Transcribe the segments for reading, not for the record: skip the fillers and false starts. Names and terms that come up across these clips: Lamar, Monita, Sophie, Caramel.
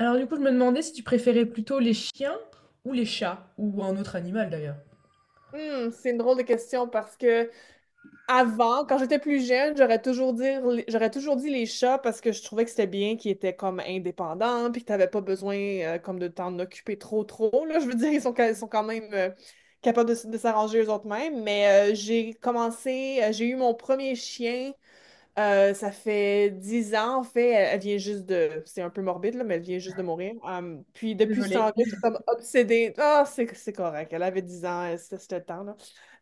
Alors du coup, je me demandais si tu préférais plutôt les chiens ou les chats, ou un autre animal d'ailleurs. C'est une drôle de question parce que avant, quand j'étais plus jeune, j'aurais toujours dit les chats parce que je trouvais que c'était bien qu'ils étaient comme indépendants puis que t'avais pas besoin comme de t'en occuper trop trop là. Je veux dire, ils sont quand même capables de s'arranger eux autres mêmes. Mais j'ai eu mon premier chien ça fait 10 ans, en fait. Elle, elle vient juste de. C'est un peu morbide, là, mais elle vient juste de mourir. Puis depuis ce Désolée. temps-là, je suis comme obsédée. Ah, c'est correct. Elle avait 10 ans, c'était le temps, là.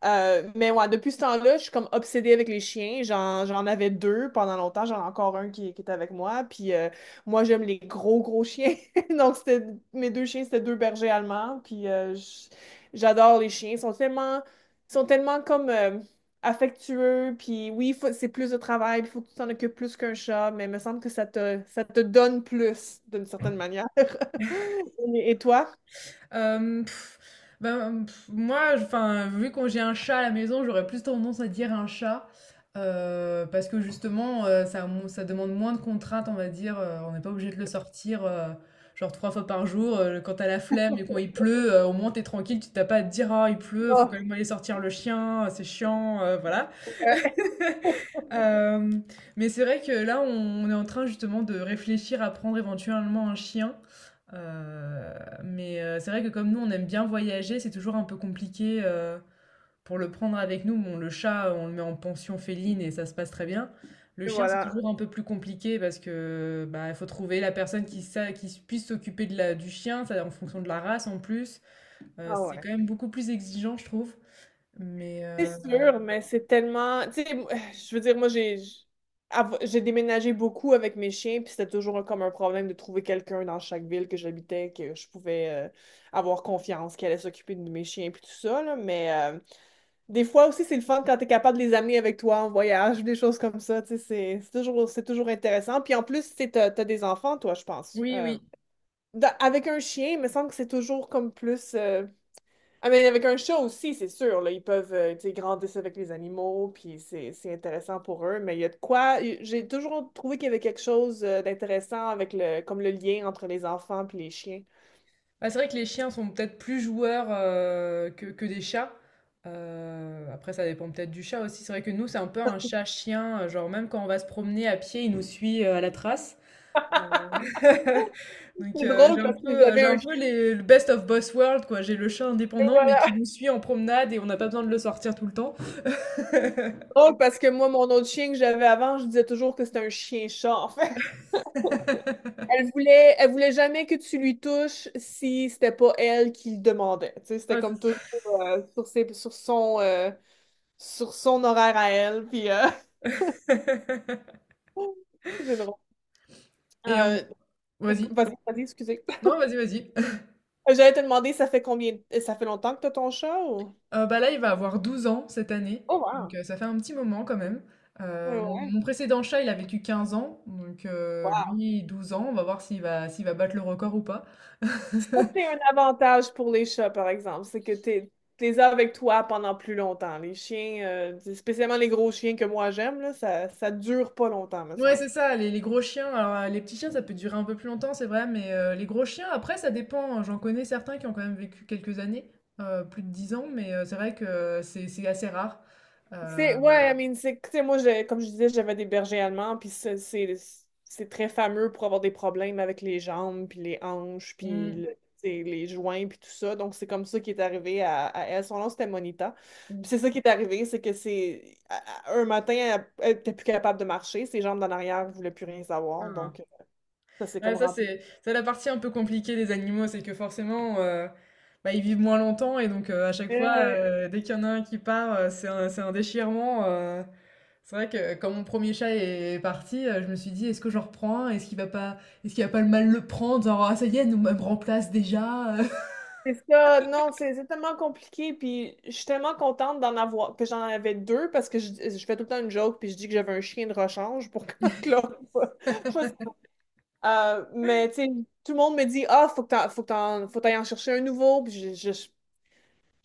Mais ouais, depuis ce temps-là, je suis comme obsédée avec les chiens. J'en avais deux pendant longtemps. J'en ai encore un qui est avec moi. Puis moi, j'aime les gros, gros chiens. Donc, c'était mes deux chiens, c'était deux bergers allemands. Puis j'adore les chiens. Ils sont tellement. Ils sont tellement comme. Affectueux, puis oui, c'est plus de travail, il faut que tu t'en occupes plus qu'un chat, mais il me semble que ça te donne plus, d'une certaine manière. Et toi? Euh, pff, ben, moi, enfin vu qu'on j'ai un chat à la maison, j'aurais plus tendance à dire un chat. Parce que justement, ça demande moins de contraintes, on va dire. On n'est pas obligé de le sortir genre trois fois par jour. Quand t'as la flemme et quand il pleut, au moins t'es tranquille, tu t'as pas à te dire, ah, il pleut, faut quand Oh, même aller sortir le chien, c'est chiant, voilà. ouais. Hem, mais c'est vrai que là, on est en train justement de réfléchir à prendre éventuellement un chien. Heu, mais c'est vrai que comme nous, on aime bien voyager, c'est toujours un peu compliqué, pour le prendre avec nous. Bon, le chat, on le met en pension féline et ça se passe très bien. Le Et chien, c'est voilà. toujours un peu plus compliqué parce que, bah, il faut trouver la personne qui puisse s'occuper de la du chien, ça en fonction de la race en plus. Ah C'est ouais. quand même beaucoup plus exigeant, je trouve. Mais C'est sûr, mais c'est tellement. Tu sais, moi, je veux dire, moi, j'ai déménagé beaucoup avec mes chiens, puis c'était toujours comme un problème de trouver quelqu'un dans chaque ville que j'habitais, que je pouvais avoir confiance, qui allait s'occuper de mes chiens, puis tout ça, là, mais des fois aussi, c'est le fun quand tu es capable de les amener avec toi en voyage, des choses comme ça. Tu sais, c'est toujours intéressant. Puis en plus, tu as, des enfants, toi, je pense. oui, oui. Avec un chien, il me semble que c'est toujours comme plus. Ah, mais avec un chat aussi, c'est sûr. Là, ils peuvent tu sais, grandir avec les animaux, puis c'est intéressant pour eux. Mais il y a de quoi. J'ai toujours trouvé qu'il y avait quelque chose d'intéressant avec le, comme le lien entre les enfants puis les chiens. Bah, c'est vrai que les chiens sont peut-être plus joueurs, que des chats. Après ça dépend peut-être du chat aussi. C'est vrai que nous, c'est un peu un chat-chien, genre même quand on va se promener à pied, il nous suit, à la trace. Donc C'est drôle j'ai un parce que peu, heu, j'avais j'ai un un chien, peu les le best of both world quoi. J'ai le chat indépendant, mais voilà. qui nous suit en promenade et on n'a pas besoin de le sortir tout le temps. Drôle parce que moi, mon autre chien que j'avais avant, je disais toujours que c'était un chien-chat. Elle voulait jamais que tu lui touches si c'était pas elle qui le demandait. Tu sais, c'était Ouais, comme c'est toujours euh, sur ses, sur son, euh, sur son horaire à elle. Puis ça. c'est drôle. Et on Euh, ok, vas-y. vas-y, vas-y, excusez. Non, vas-y, vas-y. J'allais te demander, ça fait longtemps que t'as ton chat ou? Bah, là, il va avoir 12 ans cette année, Oh donc wow. Ça fait un petit moment quand même. Oui, mon ouais. mon précédent chat, il a vécu 15 ans, donc Wow. lui 12 ans. On va voir s'il va battre le record ou pas. Ça, c'est un avantage pour les chats, par exemple, c'est que t'es avec toi pendant plus longtemps. Les chiens, spécialement les gros chiens que moi j'aime, là, ça dure pas longtemps, me Ouais, semble. c'est ça, les gros chiens, alors, les petits chiens, ça peut durer un peu plus longtemps, c'est vrai, mais les gros chiens, après, ça dépend, hein. J'en connais certains qui ont quand même vécu quelques années, plus de 10 ans, mais c'est vrai que c'est assez rare. Heu, C'est, ouais, I mean, c'est, tu sais, moi, comme je disais, j'avais des bergers allemands, puis ça, c'est très fameux pour avoir des problèmes avec les jambes, puis les hanches, on tu sais, les joints, puis tout ça. Donc, c'est comme ça qui est arrivé à elle. Son nom, c'était Monita. on Puis c'est ça qui est arrivé, c'est que c'est un matin, elle était plus capable de marcher, ses jambes d'en arrière ne voulaient plus rien savoir. enfin Donc, ça s'est Ouais, comme ça, rempli. c'est la partie un peu compliquée des animaux, c'est que forcément, bah, ils vivent moins longtemps et donc à chaque fois, dès qu'il y en a un qui part, c'est un déchirement. C'est vrai que quand mon premier chat est parti, je me suis dit, est-ce que j'en reprends un? Est-ce qu'il va pas le mal le prendre? Genre, ah, ça y est, elle nous me remplace déjà. C'est ça, non, c'est tellement compliqué, puis je suis tellement contente d'en avoir, que j'en avais deux, parce que je fais tout le temps une joke, puis je dis que j'avais un chien de rechange pour que l'autre. Fasse. Mais, tu sais, tout le monde me dit, ah, faut t'ailles en chercher un nouveau, puis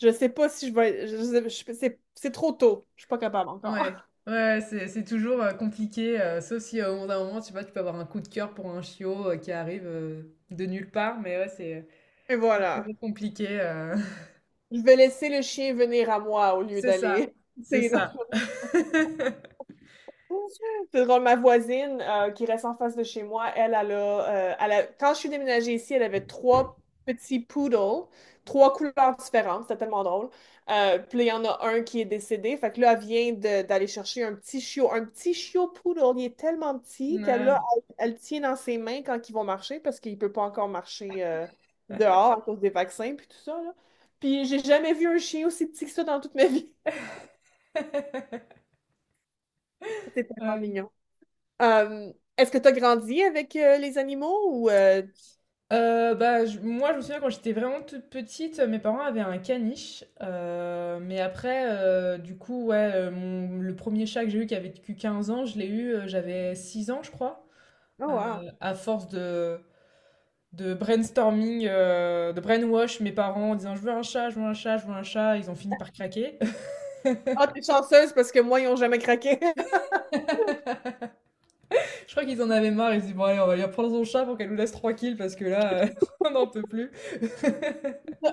je sais pas si je vais. C'est trop tôt, je suis pas capable Ouais, encore. ouais, ouais, c'est toujours compliqué, sauf si au bout d'un moment, tu sais pas, tu peux avoir un coup de cœur pour un chiot qui arrive de nulle part, mais ouais, c'est Et c'est voilà. toujours compliqué. Je vais laisser le chien venir à moi au lieu C'est ça, d'aller. c'est ça. C'est drôle, ma voisine qui reste en face de chez moi, quand je suis déménagée ici, elle avait trois petits poodles, trois couleurs différentes, c'était tellement drôle. Puis là, il y en a un qui est décédé, fait que là, d'aller chercher un petit chiot poodle, il est tellement petit qu'elle là, Ouais. elle, elle le tient dans ses mains quand ils vont marcher parce qu'il peut pas encore marcher dehors à cause des vaccins puis tout ça, là. Puis j'ai jamais vu un chien aussi petit que ça dans toute ma vie. C'est tellement Ouais. mignon. Euh, Est-ce que tu as grandi avec les animaux ou. Bah, moi, je me souviens quand j'étais vraiment toute petite, mes parents avaient un caniche. Mais après, du coup, ouais, le premier chat que j'ai eu qui avait vécu 15 ans, je l'ai eu, j'avais 6 ans, je crois. Oh, wow. À force de brainstorming, de brainwash mes parents en disant je veux un chat, je veux un chat, je veux un chat, ils ont fini par craquer. Ah, t'es chanceuse parce que moi, ils n'ont jamais craqué. Je crois qu'ils en avaient marre, ils se disent bon allez on va lui prendre son chat pour qu'elle nous laisse tranquille parce que là on n'en peut plus.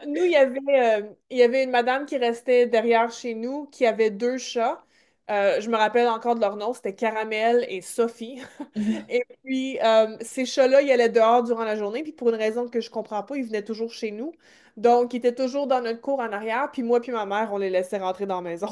Nous, il y avait une madame qui restait derrière chez nous qui avait deux chats. Je me rappelle encore de leur nom, c'était Caramel et Sophie. Et puis, ces chats-là, ils allaient dehors durant la journée, puis pour une raison que je comprends pas, ils venaient toujours chez nous. Donc, ils étaient toujours dans notre cour en arrière, puis moi puis ma mère, on les laissait rentrer dans la maison.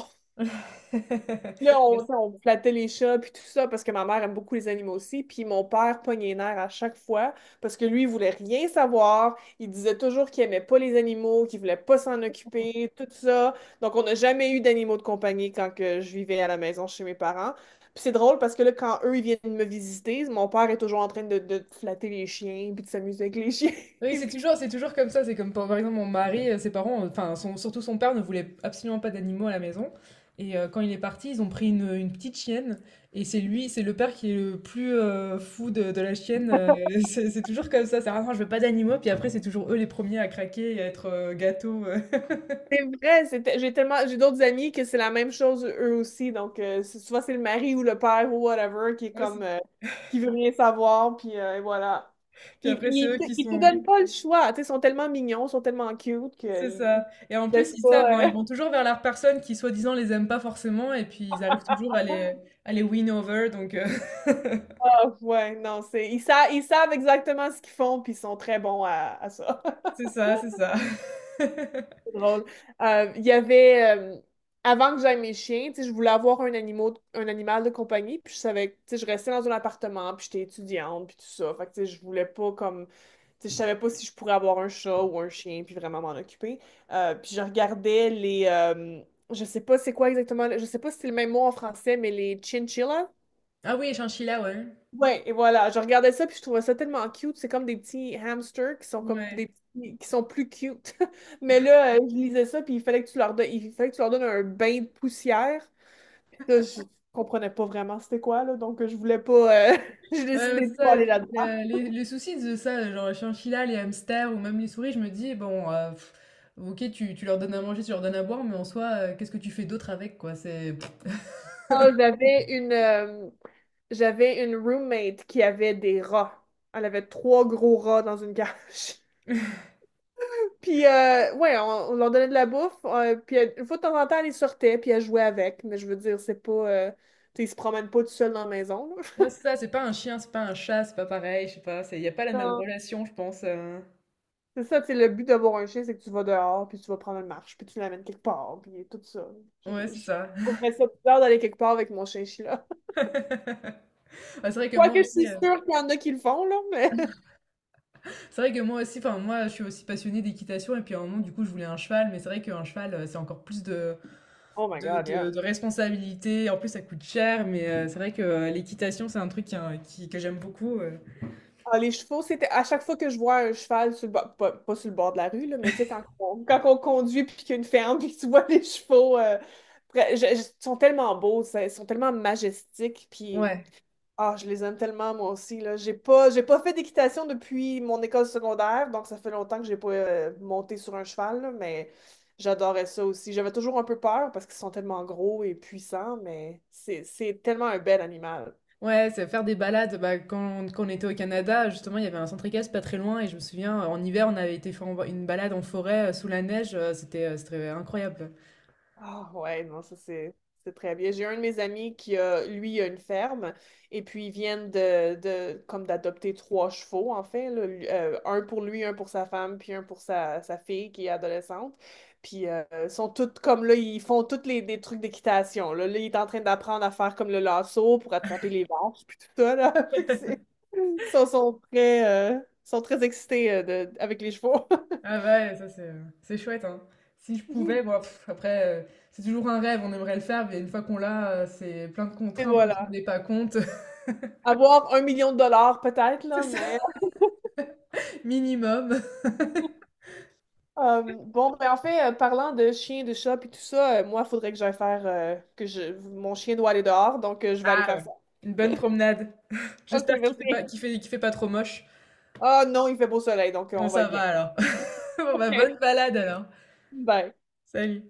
Là, Mais on flattait les chats, puis tout ça, parce que ma mère aime beaucoup les animaux aussi. Puis mon père pognait les nerfs à chaque fois, parce que lui, il voulait rien savoir. Il disait toujours qu'il aimait pas les animaux, qu'il voulait pas s'en occuper, tout ça. Donc, on n'a jamais eu d'animaux de compagnie quand que je vivais à la maison chez mes parents. Puis c'est drôle, parce que là, quand eux, ils viennent me visiter, mon père est toujours en train de flatter les chiens, puis de s'amuser avec les chiens, Oui, puis c'est tout. toujours, c'est toujours comme ça. C'est comme par exemple mon mari, ses parents, enfin surtout son père ne voulait absolument pas d'animaux à la maison. Et quand il est parti, ils ont pris une petite chienne. Et c'est lui, c'est le père qui est le plus fou de la chienne, c'est toujours comme ça. C'est ah non, je veux pas d'animaux. Puis après, c'est toujours eux les premiers à craquer et à être gâteaux. C'est vrai, j'ai tellement, j'ai d'autres amis que c'est la même chose eux aussi. Donc, souvent, c'est le mari ou le père ou whatever qui est Ouais, comme, c'est- qui veut rien savoir, puis et voilà. Puis après, c'est eux qui Ils te sont, donnent pas le choix. Tu sais, ils sont tellement mignons, ils sont tellement cute c'est qu'ils ils ça. te Et en plus, laissent ils savent, hein, pas. ils vont toujours vers la personne qui, soi-disant, les aime pas forcément, et puis ils arrivent toujours à les win over, donc Ah, ouais, non, ils savent exactement ce qu'ils font, puis ils sont très bons à ça. c'est ça, c'est ça. Drôle. Euh, Il y avait, euh, Avant que j'aille mes chiens, tu sais, je voulais avoir un animal de compagnie, puis je savais, tu sais, je restais dans un appartement, puis j'étais étudiante, puis tout ça. Fait que, tu sais, je voulais pas comme, tu sais, je savais pas si je pourrais avoir un chat ou un chien, puis vraiment m'en occuper. Puis je regardais les, je sais pas c'est quoi exactement, je sais pas si c'est le même mot en français, mais les chinchillas. Ah oui, chinchilla, ouais. Ouais, et voilà, je regardais ça puis je trouvais ça tellement cute. C'est comme des petits hamsters qui sont comme Ouais, des petits, qui sont plus cute. Mais là, je lisais ça puis il fallait que tu leur donnes un bain de poussière. Là, je comprenais pas vraiment c'était quoi là, donc je voulais pas. J'ai ouais, ouais, décidé de c'est ça. pas aller là-dedans. Les soucis de ça, genre les chinchillas, les hamsters ou même les souris, je me dis, bon, ok, tu leur donnes à manger, tu leur donnes à boire, mais en soi, qu'est-ce que tu fais d'autre avec, quoi? C'est... pff. Ah, j'avais une, euh, J'avais une roommate qui avait des rats. Elle avait trois gros rats dans une cage. Puis, ouais, on leur donnait de la bouffe. Puis, une fois de temps en temps, elle les sortait, puis elle jouait avec. Mais je veux dire, c'est pas. Tu sais, ils se promènent pas tout seuls dans la maison, là. Ouais, c'est ça, c'est pas un chien, c'est pas un chat, c'est pas pareil, je sais pas, il n'y a pas la même Non. relation, je pense. C'est ça, tu sais, le but d'avoir un chien, c'est que tu vas dehors, puis tu vas prendre une marche, puis tu l'amènes quelque part, puis tout ça. Ouais, c'est Je ça. trouverais ça bizarre d'aller quelque part avec mon chien-chien, là. Ah, c'est vrai que moi Quoique, je aussi, suis sûre qu'il y en a qui le font, là, mais. Enfin moi je suis aussi passionnée d'équitation et puis à un moment du coup je voulais un cheval, mais c'est vrai qu'un cheval c'est encore plus de, Oh my de, God, yeah. de, de responsabilité, en plus ça coûte cher, mais c'est vrai que l'équitation c'est un truc hein, que j'aime beaucoup. Ah, les chevaux, c'était à chaque fois que je vois un cheval sur le bord, pas sur le bord de la rue, là, mais tu sais, quand on conduit puis qu'il y a une ferme puis que tu vois les chevaux, ils sont tellement beaux, ça, ils sont tellement majestiques puis Ouais, ah, je les aime tellement moi aussi, là. J'ai pas fait d'équitation depuis mon école secondaire, donc ça fait longtemps que j'ai pas monté sur un cheval, là, mais j'adorais ça aussi. J'avais toujours un peu peur parce qu'ils sont tellement gros et puissants, mais c'est tellement un bel animal. ouais, c'est faire des balades, bah, quand on était au Canada, justement il y avait un centre équestre pas très loin et je me souviens en hiver on avait été faire une balade en forêt sous la neige, c'était incroyable. Ah ouais, non, ça c'est très bien. J'ai un de mes amis qui a, lui, a une ferme, et puis ils viennent de comme d'adopter trois chevaux, en fait, là. Un pour lui, un pour sa femme, puis un pour sa fille qui est adolescente. Puis ils sont toutes comme là, ils font tous les des trucs d'équitation. Là. Là, il est en train d'apprendre à faire comme le lasso pour attraper les vaches, puis tout ça, là. Fait que c'est. Ils sont, sont très, euh, sont très excités avec les chevaux. Ah bah ouais, ça c'est chouette, hein. Si je pouvais, bon, après, c'est toujours un rêve, on aimerait le faire, mais une fois qu'on l'a, c'est plein de Et contraintes, on s'en voilà. rendait pas compte. Avoir 1 million de dollars peut-être, C'est là, ça, mais. minimum. Bon, ben en fait, parlant de chiens, de chats et tout ça, moi, il faudrait que j'aille faire que je mon chien doit aller dehors, donc je vais aller Ah faire ouais, ça. une bonne promenade. OK, J'espère qu'il fait pas, merci. qu'il fait pas trop moche. Ah non, il fait beau soleil, donc Bon, on va ça être va bien. alors. Bon, bah, OK, bonne balade alors. bye. Salut.